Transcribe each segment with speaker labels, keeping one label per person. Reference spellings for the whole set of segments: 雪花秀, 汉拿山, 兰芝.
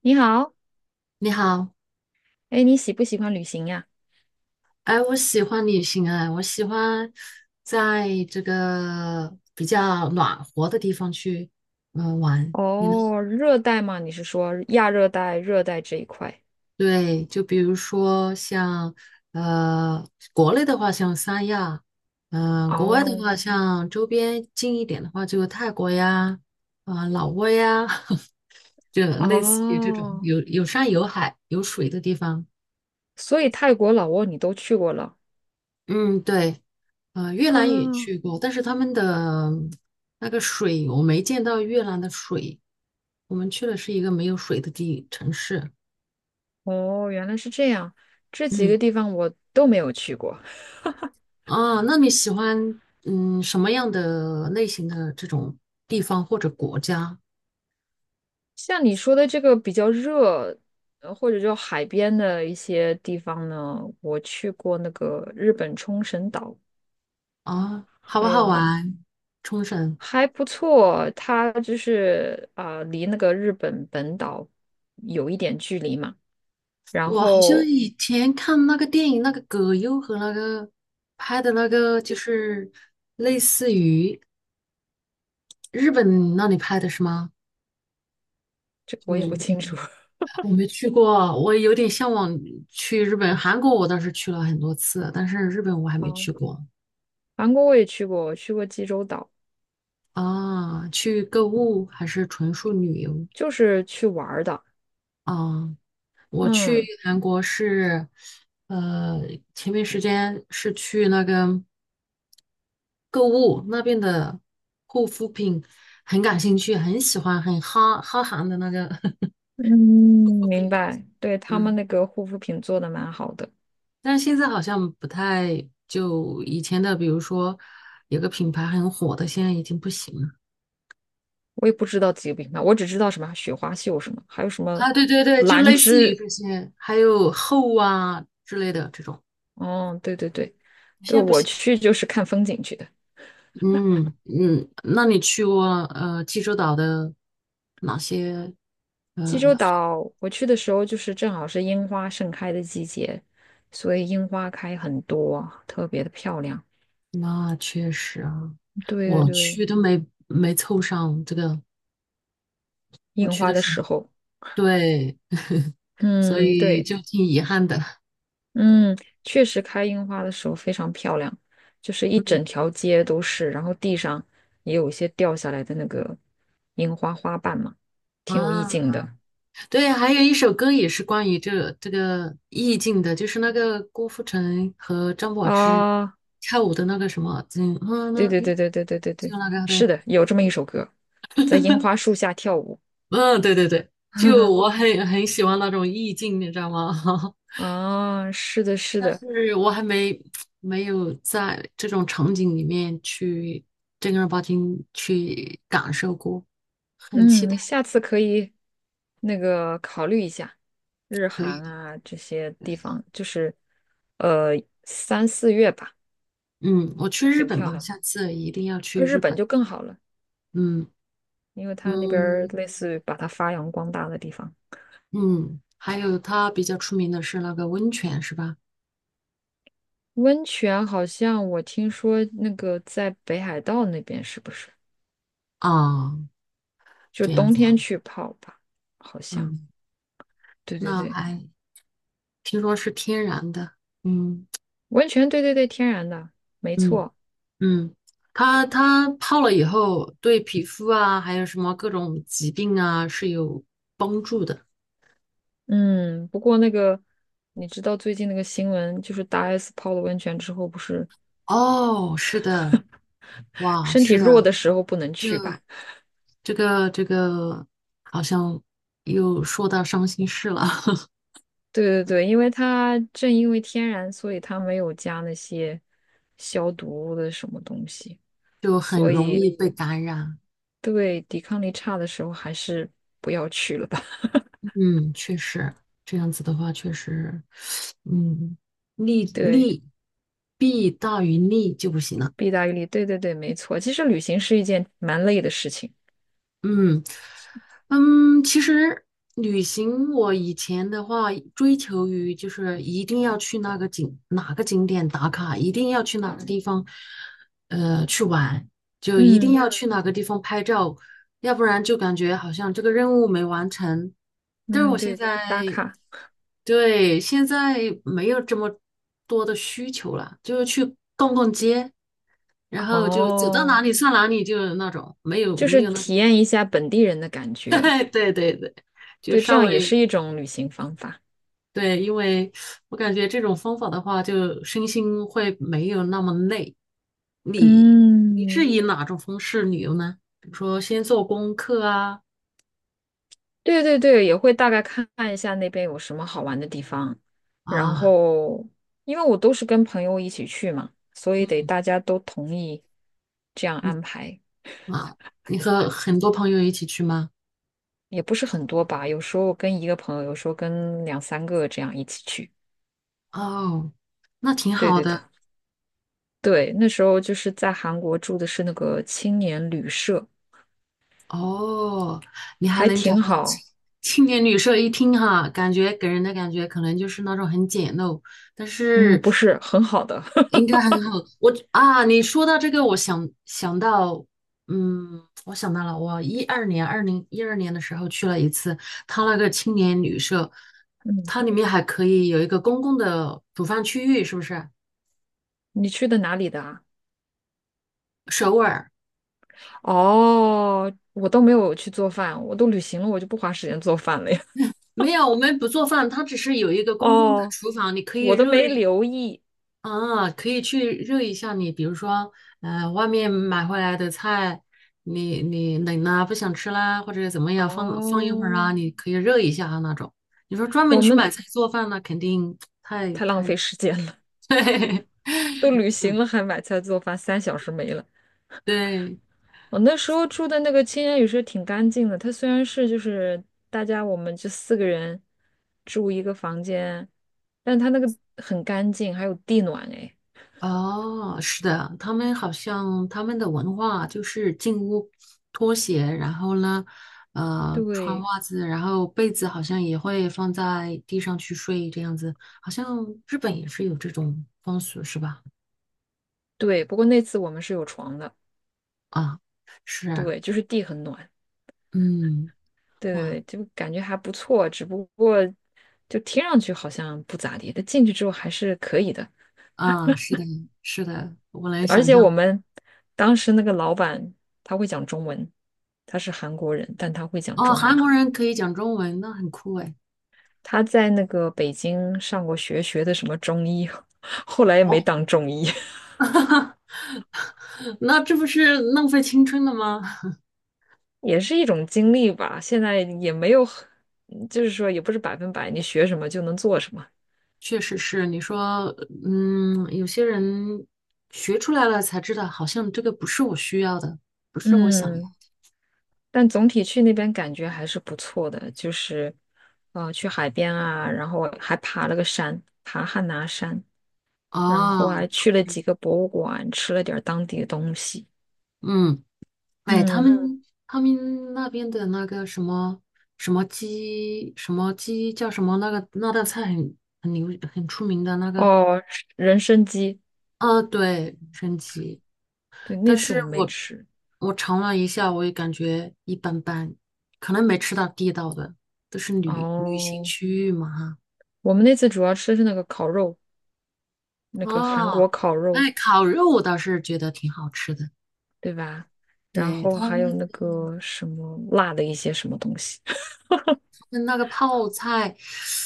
Speaker 1: 你好，
Speaker 2: 你好，
Speaker 1: 哎，你喜不喜欢旅行呀？
Speaker 2: 哎，我喜欢旅行哎，我喜欢在这个比较暖和的地方去，玩。你呢？
Speaker 1: 哦，热带吗？你是说亚热带、热带这一块？
Speaker 2: 对，就比如说像呃，国内的话像三亚，国外的
Speaker 1: 哦
Speaker 2: 话像周边近一点的话就泰国呀，啊、老挝呀，就类似于这种
Speaker 1: 哦，
Speaker 2: 有山有海有水的地方。
Speaker 1: 所以泰国、老挝你都去过了
Speaker 2: 嗯，对，越南也
Speaker 1: 啊？
Speaker 2: 去过，但是他们的那个水我没见到越南的水，我们去的是一个没有水的地城市。
Speaker 1: 哦，原来是这样，这几
Speaker 2: 嗯，
Speaker 1: 个地方我都没有去过。
Speaker 2: 啊，那你喜欢什么样的类型的这种地方或者国家
Speaker 1: 像你说的这个比较热，或者就海边的一些地方呢，我去过那个日本冲绳岛，
Speaker 2: 啊？好不
Speaker 1: 还
Speaker 2: 好
Speaker 1: 有
Speaker 2: 玩？冲绳，
Speaker 1: 还不错，它就是啊离那个日本本岛有一点距离嘛。然
Speaker 2: 我好像
Speaker 1: 后
Speaker 2: 以前看那个电影，那个葛优和那个拍的那个，就是类似于日本那里拍的是吗？
Speaker 1: 这个我也不
Speaker 2: 就。
Speaker 1: 清楚。
Speaker 2: 我没去过，我有点向往去日本、韩国，我倒是去了很多次，但是日本我还没
Speaker 1: 哦，
Speaker 2: 去过
Speaker 1: 韩国我也去过，我去过济州岛，
Speaker 2: 啊。去购物还是纯属旅游
Speaker 1: 就是去玩儿的。
Speaker 2: 啊？我去
Speaker 1: 嗯
Speaker 2: 韩国是，呃，前面时间是去那个购物那边的护肤品，很感兴趣，很喜欢，很哈韩的那个
Speaker 1: 嗯，
Speaker 2: 护肤
Speaker 1: 明
Speaker 2: 品。
Speaker 1: 白。对，他们
Speaker 2: 嗯。
Speaker 1: 那个护肤品做的蛮好的，
Speaker 2: 但是现在好像不太，就以前的，比如说有个品牌很火的，现在已经不行了
Speaker 1: 我也不知道几个品牌，我只知道什么雪花秀什么，还有什么
Speaker 2: 啊。对对对，就
Speaker 1: 兰
Speaker 2: 类似于
Speaker 1: 芝。
Speaker 2: 这些，还有厚啊之类的这种，
Speaker 1: 哦，对对对，
Speaker 2: 现
Speaker 1: 对，
Speaker 2: 在不
Speaker 1: 我
Speaker 2: 行。
Speaker 1: 去就是看风景去的。
Speaker 2: 嗯嗯，那你去过济州岛的哪些？
Speaker 1: 济州岛我去的时候，就是正好是樱花盛开的季节，所以樱花开很多，特别的漂亮。
Speaker 2: 那确实啊，
Speaker 1: 对对
Speaker 2: 我
Speaker 1: 对，
Speaker 2: 去都没凑上这个，我
Speaker 1: 樱
Speaker 2: 去
Speaker 1: 花
Speaker 2: 的
Speaker 1: 的
Speaker 2: 是，
Speaker 1: 时候，
Speaker 2: 对，所
Speaker 1: 嗯，
Speaker 2: 以
Speaker 1: 对，
Speaker 2: 就挺遗憾的
Speaker 1: 嗯，确实开樱花的时候非常漂亮，就是一整条街都是，然后地上也有一些掉下来的那个樱花花瓣嘛，挺有意
Speaker 2: 啊。
Speaker 1: 境的
Speaker 2: 对，还有一首歌也是关于这个意境的，就是那个郭富城和张柏芝
Speaker 1: 啊。
Speaker 2: 跳舞的那个什么，嗯嗯，那
Speaker 1: 对对对
Speaker 2: 诶
Speaker 1: 对对对对
Speaker 2: 就
Speaker 1: 对，
Speaker 2: 那个
Speaker 1: 是
Speaker 2: 对，
Speaker 1: 的，有这么一首歌，在樱花 树下跳舞。
Speaker 2: 嗯对对对，就 我很喜欢那种意境，你知道吗？
Speaker 1: 啊，是的，是
Speaker 2: 但
Speaker 1: 的，
Speaker 2: 是我还没有在这种场景里面去正儿八经去感受过，很期
Speaker 1: 嗯，
Speaker 2: 待
Speaker 1: 你下次可以那个考虑一下日
Speaker 2: 可以
Speaker 1: 韩
Speaker 2: 的。
Speaker 1: 啊这些地方，就是呃3、4月吧，
Speaker 2: 嗯，我去日
Speaker 1: 挺
Speaker 2: 本
Speaker 1: 漂
Speaker 2: 吧，
Speaker 1: 亮。
Speaker 2: 下次一定要去
Speaker 1: 而日
Speaker 2: 日
Speaker 1: 本
Speaker 2: 本。
Speaker 1: 就更好了，
Speaker 2: 嗯
Speaker 1: 因为它那边儿
Speaker 2: 嗯。
Speaker 1: 类似于把它发扬光大的地方。
Speaker 2: 嗯，还有它比较出名的是那个温泉，是吧？
Speaker 1: 温泉好像我听说那个在北海道那边是不是？
Speaker 2: 啊，
Speaker 1: 就
Speaker 2: 这样
Speaker 1: 冬
Speaker 2: 子啊，
Speaker 1: 天去泡吧，好像。
Speaker 2: 嗯，
Speaker 1: 对对
Speaker 2: 那
Speaker 1: 对，
Speaker 2: 还听说是天然的，嗯
Speaker 1: 温泉，对对对，天然的，没
Speaker 2: 嗯
Speaker 1: 错。
Speaker 2: 嗯，它泡了以后，对皮肤啊，还有什么各种疾病啊是有帮助的。
Speaker 1: 嗯，不过那个，你知道最近那个新闻，就是大 S 泡了温泉之后，不是
Speaker 2: 哦，是的，哇，
Speaker 1: 身体
Speaker 2: 是
Speaker 1: 弱
Speaker 2: 的，
Speaker 1: 的时候不能去吧？
Speaker 2: 这个好像又说到伤心事了，
Speaker 1: 对对对，因为它正因为天然，所以它没有加那些消毒的什么东西，
Speaker 2: 就很
Speaker 1: 所
Speaker 2: 容
Speaker 1: 以
Speaker 2: 易被感染。
Speaker 1: 对抵抗力差的时候还是不要去了吧。
Speaker 2: 嗯，确实，这样子的话，确实，嗯，利
Speaker 1: 对，
Speaker 2: 利弊大于利就不行了。
Speaker 1: 弊大于利，对对对，没错。其实旅行是一件蛮累的事情。
Speaker 2: 嗯，嗯，其实旅行我以前的话追求于就是一定要去那个哪个景点打卡，一定要去哪个地方，去玩，就一定
Speaker 1: 嗯
Speaker 2: 要去哪个地方拍照，要不然就感觉好像这个任务没完成。但是
Speaker 1: 嗯，
Speaker 2: 我现
Speaker 1: 对，打
Speaker 2: 在，
Speaker 1: 卡
Speaker 2: 对，现在没有这么多的需求了，就是去逛逛街，然后就走到
Speaker 1: 哦，
Speaker 2: 哪里算哪里，就那种没有
Speaker 1: 就
Speaker 2: 没
Speaker 1: 是
Speaker 2: 有那种。
Speaker 1: 体验一下本地人的感觉。
Speaker 2: 对对对，就
Speaker 1: 对，这
Speaker 2: 稍
Speaker 1: 样也是
Speaker 2: 微
Speaker 1: 一种旅行方法。
Speaker 2: 对，因为我感觉这种方法的话，就身心会没有那么累。你你是
Speaker 1: 嗯，
Speaker 2: 以哪种方式旅游呢？比如说先做功课啊
Speaker 1: 对对对，也会大概看一下那边有什么好玩的地方，然
Speaker 2: 啊
Speaker 1: 后因为我都是跟朋友一起去嘛，所以得
Speaker 2: 嗯
Speaker 1: 大家都同意这样安排，
Speaker 2: 啊，你和很多朋友一起去吗？
Speaker 1: 也不是很多吧，有时候跟一个朋友，有时候跟两三个这样一起去。
Speaker 2: 哦，那挺
Speaker 1: 对
Speaker 2: 好
Speaker 1: 对对
Speaker 2: 的。
Speaker 1: 对，那时候就是在韩国住的是那个青年旅社，
Speaker 2: 哦，你还
Speaker 1: 还
Speaker 2: 能找到
Speaker 1: 挺
Speaker 2: 青
Speaker 1: 好，
Speaker 2: 青年旅社一听哈，感觉给人的感觉可能就是那种很简陋，但
Speaker 1: 嗯，
Speaker 2: 是
Speaker 1: 不是很好的。
Speaker 2: 应该很好。我啊，你说到这个，我想到，嗯，我想到了，我一二年，2012年的时候去了一次，它那个青年旅社，
Speaker 1: 嗯，
Speaker 2: 它里面还可以有一个公共的煮饭区域，是不是？
Speaker 1: 你去的哪里的啊？
Speaker 2: 首尔
Speaker 1: 哦，我都没有去做饭，我都旅行了，我就不花时间做饭了呀。
Speaker 2: 没有，我们不做饭，它只是有一个 公共的
Speaker 1: 哦，
Speaker 2: 厨房，你可以
Speaker 1: 我都
Speaker 2: 热。
Speaker 1: 没留意。
Speaker 2: 啊，可以去热一下你，比如说，外面买回来的菜，你冷啦，不想吃啦，或者怎么样，放放一会儿
Speaker 1: 哦，
Speaker 2: 啊，你可以热一下啊那种。你说专门
Speaker 1: 我
Speaker 2: 去买
Speaker 1: 们
Speaker 2: 菜做饭，那肯定太
Speaker 1: 太浪
Speaker 2: 太
Speaker 1: 费时间了，
Speaker 2: 对
Speaker 1: 都旅行了还买菜做饭，3小时没了。
Speaker 2: 对，
Speaker 1: 我那时候住的那个青年旅社挺干净的，它虽然是就是大家我们就4个人住一个房间，但它那个很干净，还有地暖哎。
Speaker 2: 哦，是的，他们好像他们的文化就是进屋脱鞋，然后呢，穿
Speaker 1: 对
Speaker 2: 袜子，然后被子好像也会放在地上去睡，这样子，好像日本也是有这种风俗，是吧？
Speaker 1: 对，不过那次我们是有床的，
Speaker 2: 啊，是，
Speaker 1: 对，就是地很暖。
Speaker 2: 嗯，
Speaker 1: 对对
Speaker 2: 哇，
Speaker 1: 对，就感觉还不错，只不过就听上去好像不咋地，但进去之后还是可以的。
Speaker 2: 啊，是的，是的，我来
Speaker 1: 而
Speaker 2: 想
Speaker 1: 且我
Speaker 2: 象，
Speaker 1: 们当时那个老板他会讲中文，他是韩国人，但他会讲
Speaker 2: 哦，
Speaker 1: 中
Speaker 2: 韩
Speaker 1: 文。
Speaker 2: 国人可以讲中文，那很酷哎。
Speaker 1: 他在那个北京上过学，学的什么中医，后来也没
Speaker 2: 哦，
Speaker 1: 当中医，
Speaker 2: 那这不是浪费青春了吗？
Speaker 1: 也是一种经历吧。现在也没有很就是说也不是百分百你学什么就能做什么。
Speaker 2: 确实是，你说，嗯，有些人学出来了才知道，好像这个不是我需要的，不是我想要
Speaker 1: 嗯，
Speaker 2: 的。
Speaker 1: 但总体去那边感觉还是不错的，就是，去海边啊，然后还爬了个山，爬汉拿山，然后
Speaker 2: 哦，
Speaker 1: 还去了几个博物馆，吃了点儿当地的东西。
Speaker 2: 嗯，哎，他嗯
Speaker 1: 嗯，
Speaker 2: 们他们那边的那个什么鸡什么鸡叫什么那个那道菜很牛很出名的那个，
Speaker 1: 哦，人参鸡，
Speaker 2: 啊，对，神奇。
Speaker 1: 对，那
Speaker 2: 但
Speaker 1: 次我
Speaker 2: 是
Speaker 1: 们没
Speaker 2: 我
Speaker 1: 吃。
Speaker 2: 我尝了一下，我也感觉一般般，可能没吃到地道的，都是旅行
Speaker 1: 哦，
Speaker 2: 区域嘛。哈。
Speaker 1: 我们那次主要吃的是那个烤肉，那个韩
Speaker 2: 哦，
Speaker 1: 国烤肉，
Speaker 2: 哎，烤肉我倒是觉得挺好吃的。
Speaker 1: 对吧？然
Speaker 2: 对，
Speaker 1: 后
Speaker 2: 他
Speaker 1: 还有
Speaker 2: 们
Speaker 1: 那个什么辣的一些什么东西，
Speaker 2: 他们那个泡菜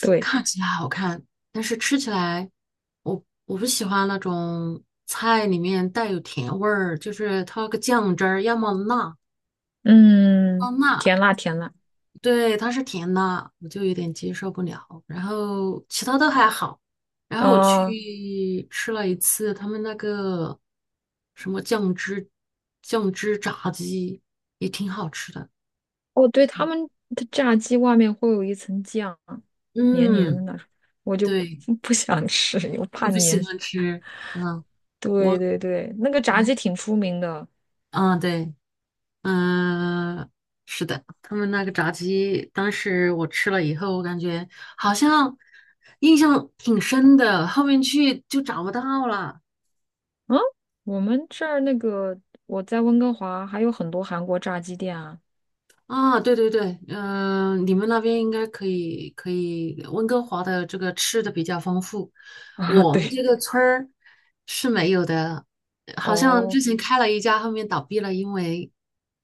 Speaker 1: 对，
Speaker 2: 看起来好看，但是吃起来我不喜欢那种菜里面带有甜味儿，就是它那个酱汁儿要么辣，要
Speaker 1: 嗯，
Speaker 2: 么辣，
Speaker 1: 甜辣甜辣。
Speaker 2: 对，它是甜的，我就有点接受不了。然后其他都还好。然后我
Speaker 1: 哦，
Speaker 2: 去吃了一次他们那个什么酱汁炸鸡，也挺好吃的。
Speaker 1: 哦，对，他们的炸鸡外面会有一层酱，黏黏的
Speaker 2: 嗯，
Speaker 1: 那种，我就
Speaker 2: 对，
Speaker 1: 不想吃，我
Speaker 2: 你
Speaker 1: 怕
Speaker 2: 不喜
Speaker 1: 黏。
Speaker 2: 欢吃？嗯，
Speaker 1: 对
Speaker 2: 我
Speaker 1: 对对，那个
Speaker 2: 我
Speaker 1: 炸
Speaker 2: 还
Speaker 1: 鸡挺出名的。
Speaker 2: 嗯对，嗯，是的，他们那个炸鸡，当时我吃了以后，我感觉好像印象挺深的，后面去就找不到了。
Speaker 1: 嗯，我们这儿那个我在温哥华还有很多韩国炸鸡店啊。
Speaker 2: 啊，对对对，你们那边应该可以，可以，温哥华的这个吃的比较丰富，
Speaker 1: 啊，
Speaker 2: 我
Speaker 1: 对，
Speaker 2: 们这个村儿是没有的，好像
Speaker 1: 哦，
Speaker 2: 之前开了一家，后面倒闭了，因为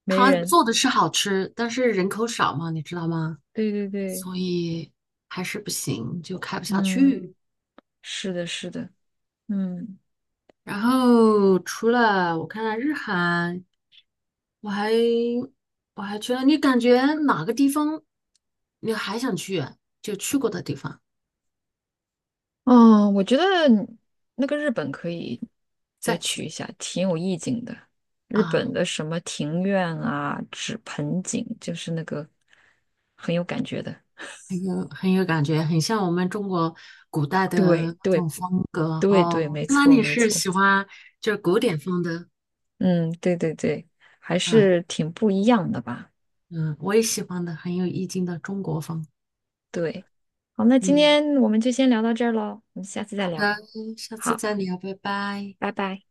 Speaker 1: 没
Speaker 2: 他
Speaker 1: 人。
Speaker 2: 做的是好吃，但是人口少嘛，你知道吗？
Speaker 1: 对对对，
Speaker 2: 所以还是不行，就开不下
Speaker 1: 嗯，
Speaker 2: 去。
Speaker 1: 是的，是的，嗯。
Speaker 2: 然后除了我看看日韩。我还我还去了，你感觉哪个地方你还想去？就去过的地方
Speaker 1: 嗯，我觉得那个日本可以再
Speaker 2: 再
Speaker 1: 去
Speaker 2: 去
Speaker 1: 一下，挺有意境的。日
Speaker 2: 啊，
Speaker 1: 本的什么庭院啊、纸盆景，就是那个很有感觉的。
Speaker 2: 很有感觉，很像我们中国古代的
Speaker 1: 对
Speaker 2: 那
Speaker 1: 对
Speaker 2: 种风格
Speaker 1: 对对，
Speaker 2: 哦。
Speaker 1: 没
Speaker 2: 那
Speaker 1: 错
Speaker 2: 你
Speaker 1: 没
Speaker 2: 是
Speaker 1: 错。
Speaker 2: 喜欢就是古典风的？
Speaker 1: 嗯，对对对，还
Speaker 2: 嗯
Speaker 1: 是挺不一样的吧。
Speaker 2: 嗯，我也喜欢的，很有意境的中国风。
Speaker 1: 对，好，那今
Speaker 2: 嗯，
Speaker 1: 天我们就先聊到这儿喽，我们下次再
Speaker 2: 好
Speaker 1: 聊。
Speaker 2: 的，下次
Speaker 1: 好，
Speaker 2: 再聊，拜拜。
Speaker 1: 拜拜。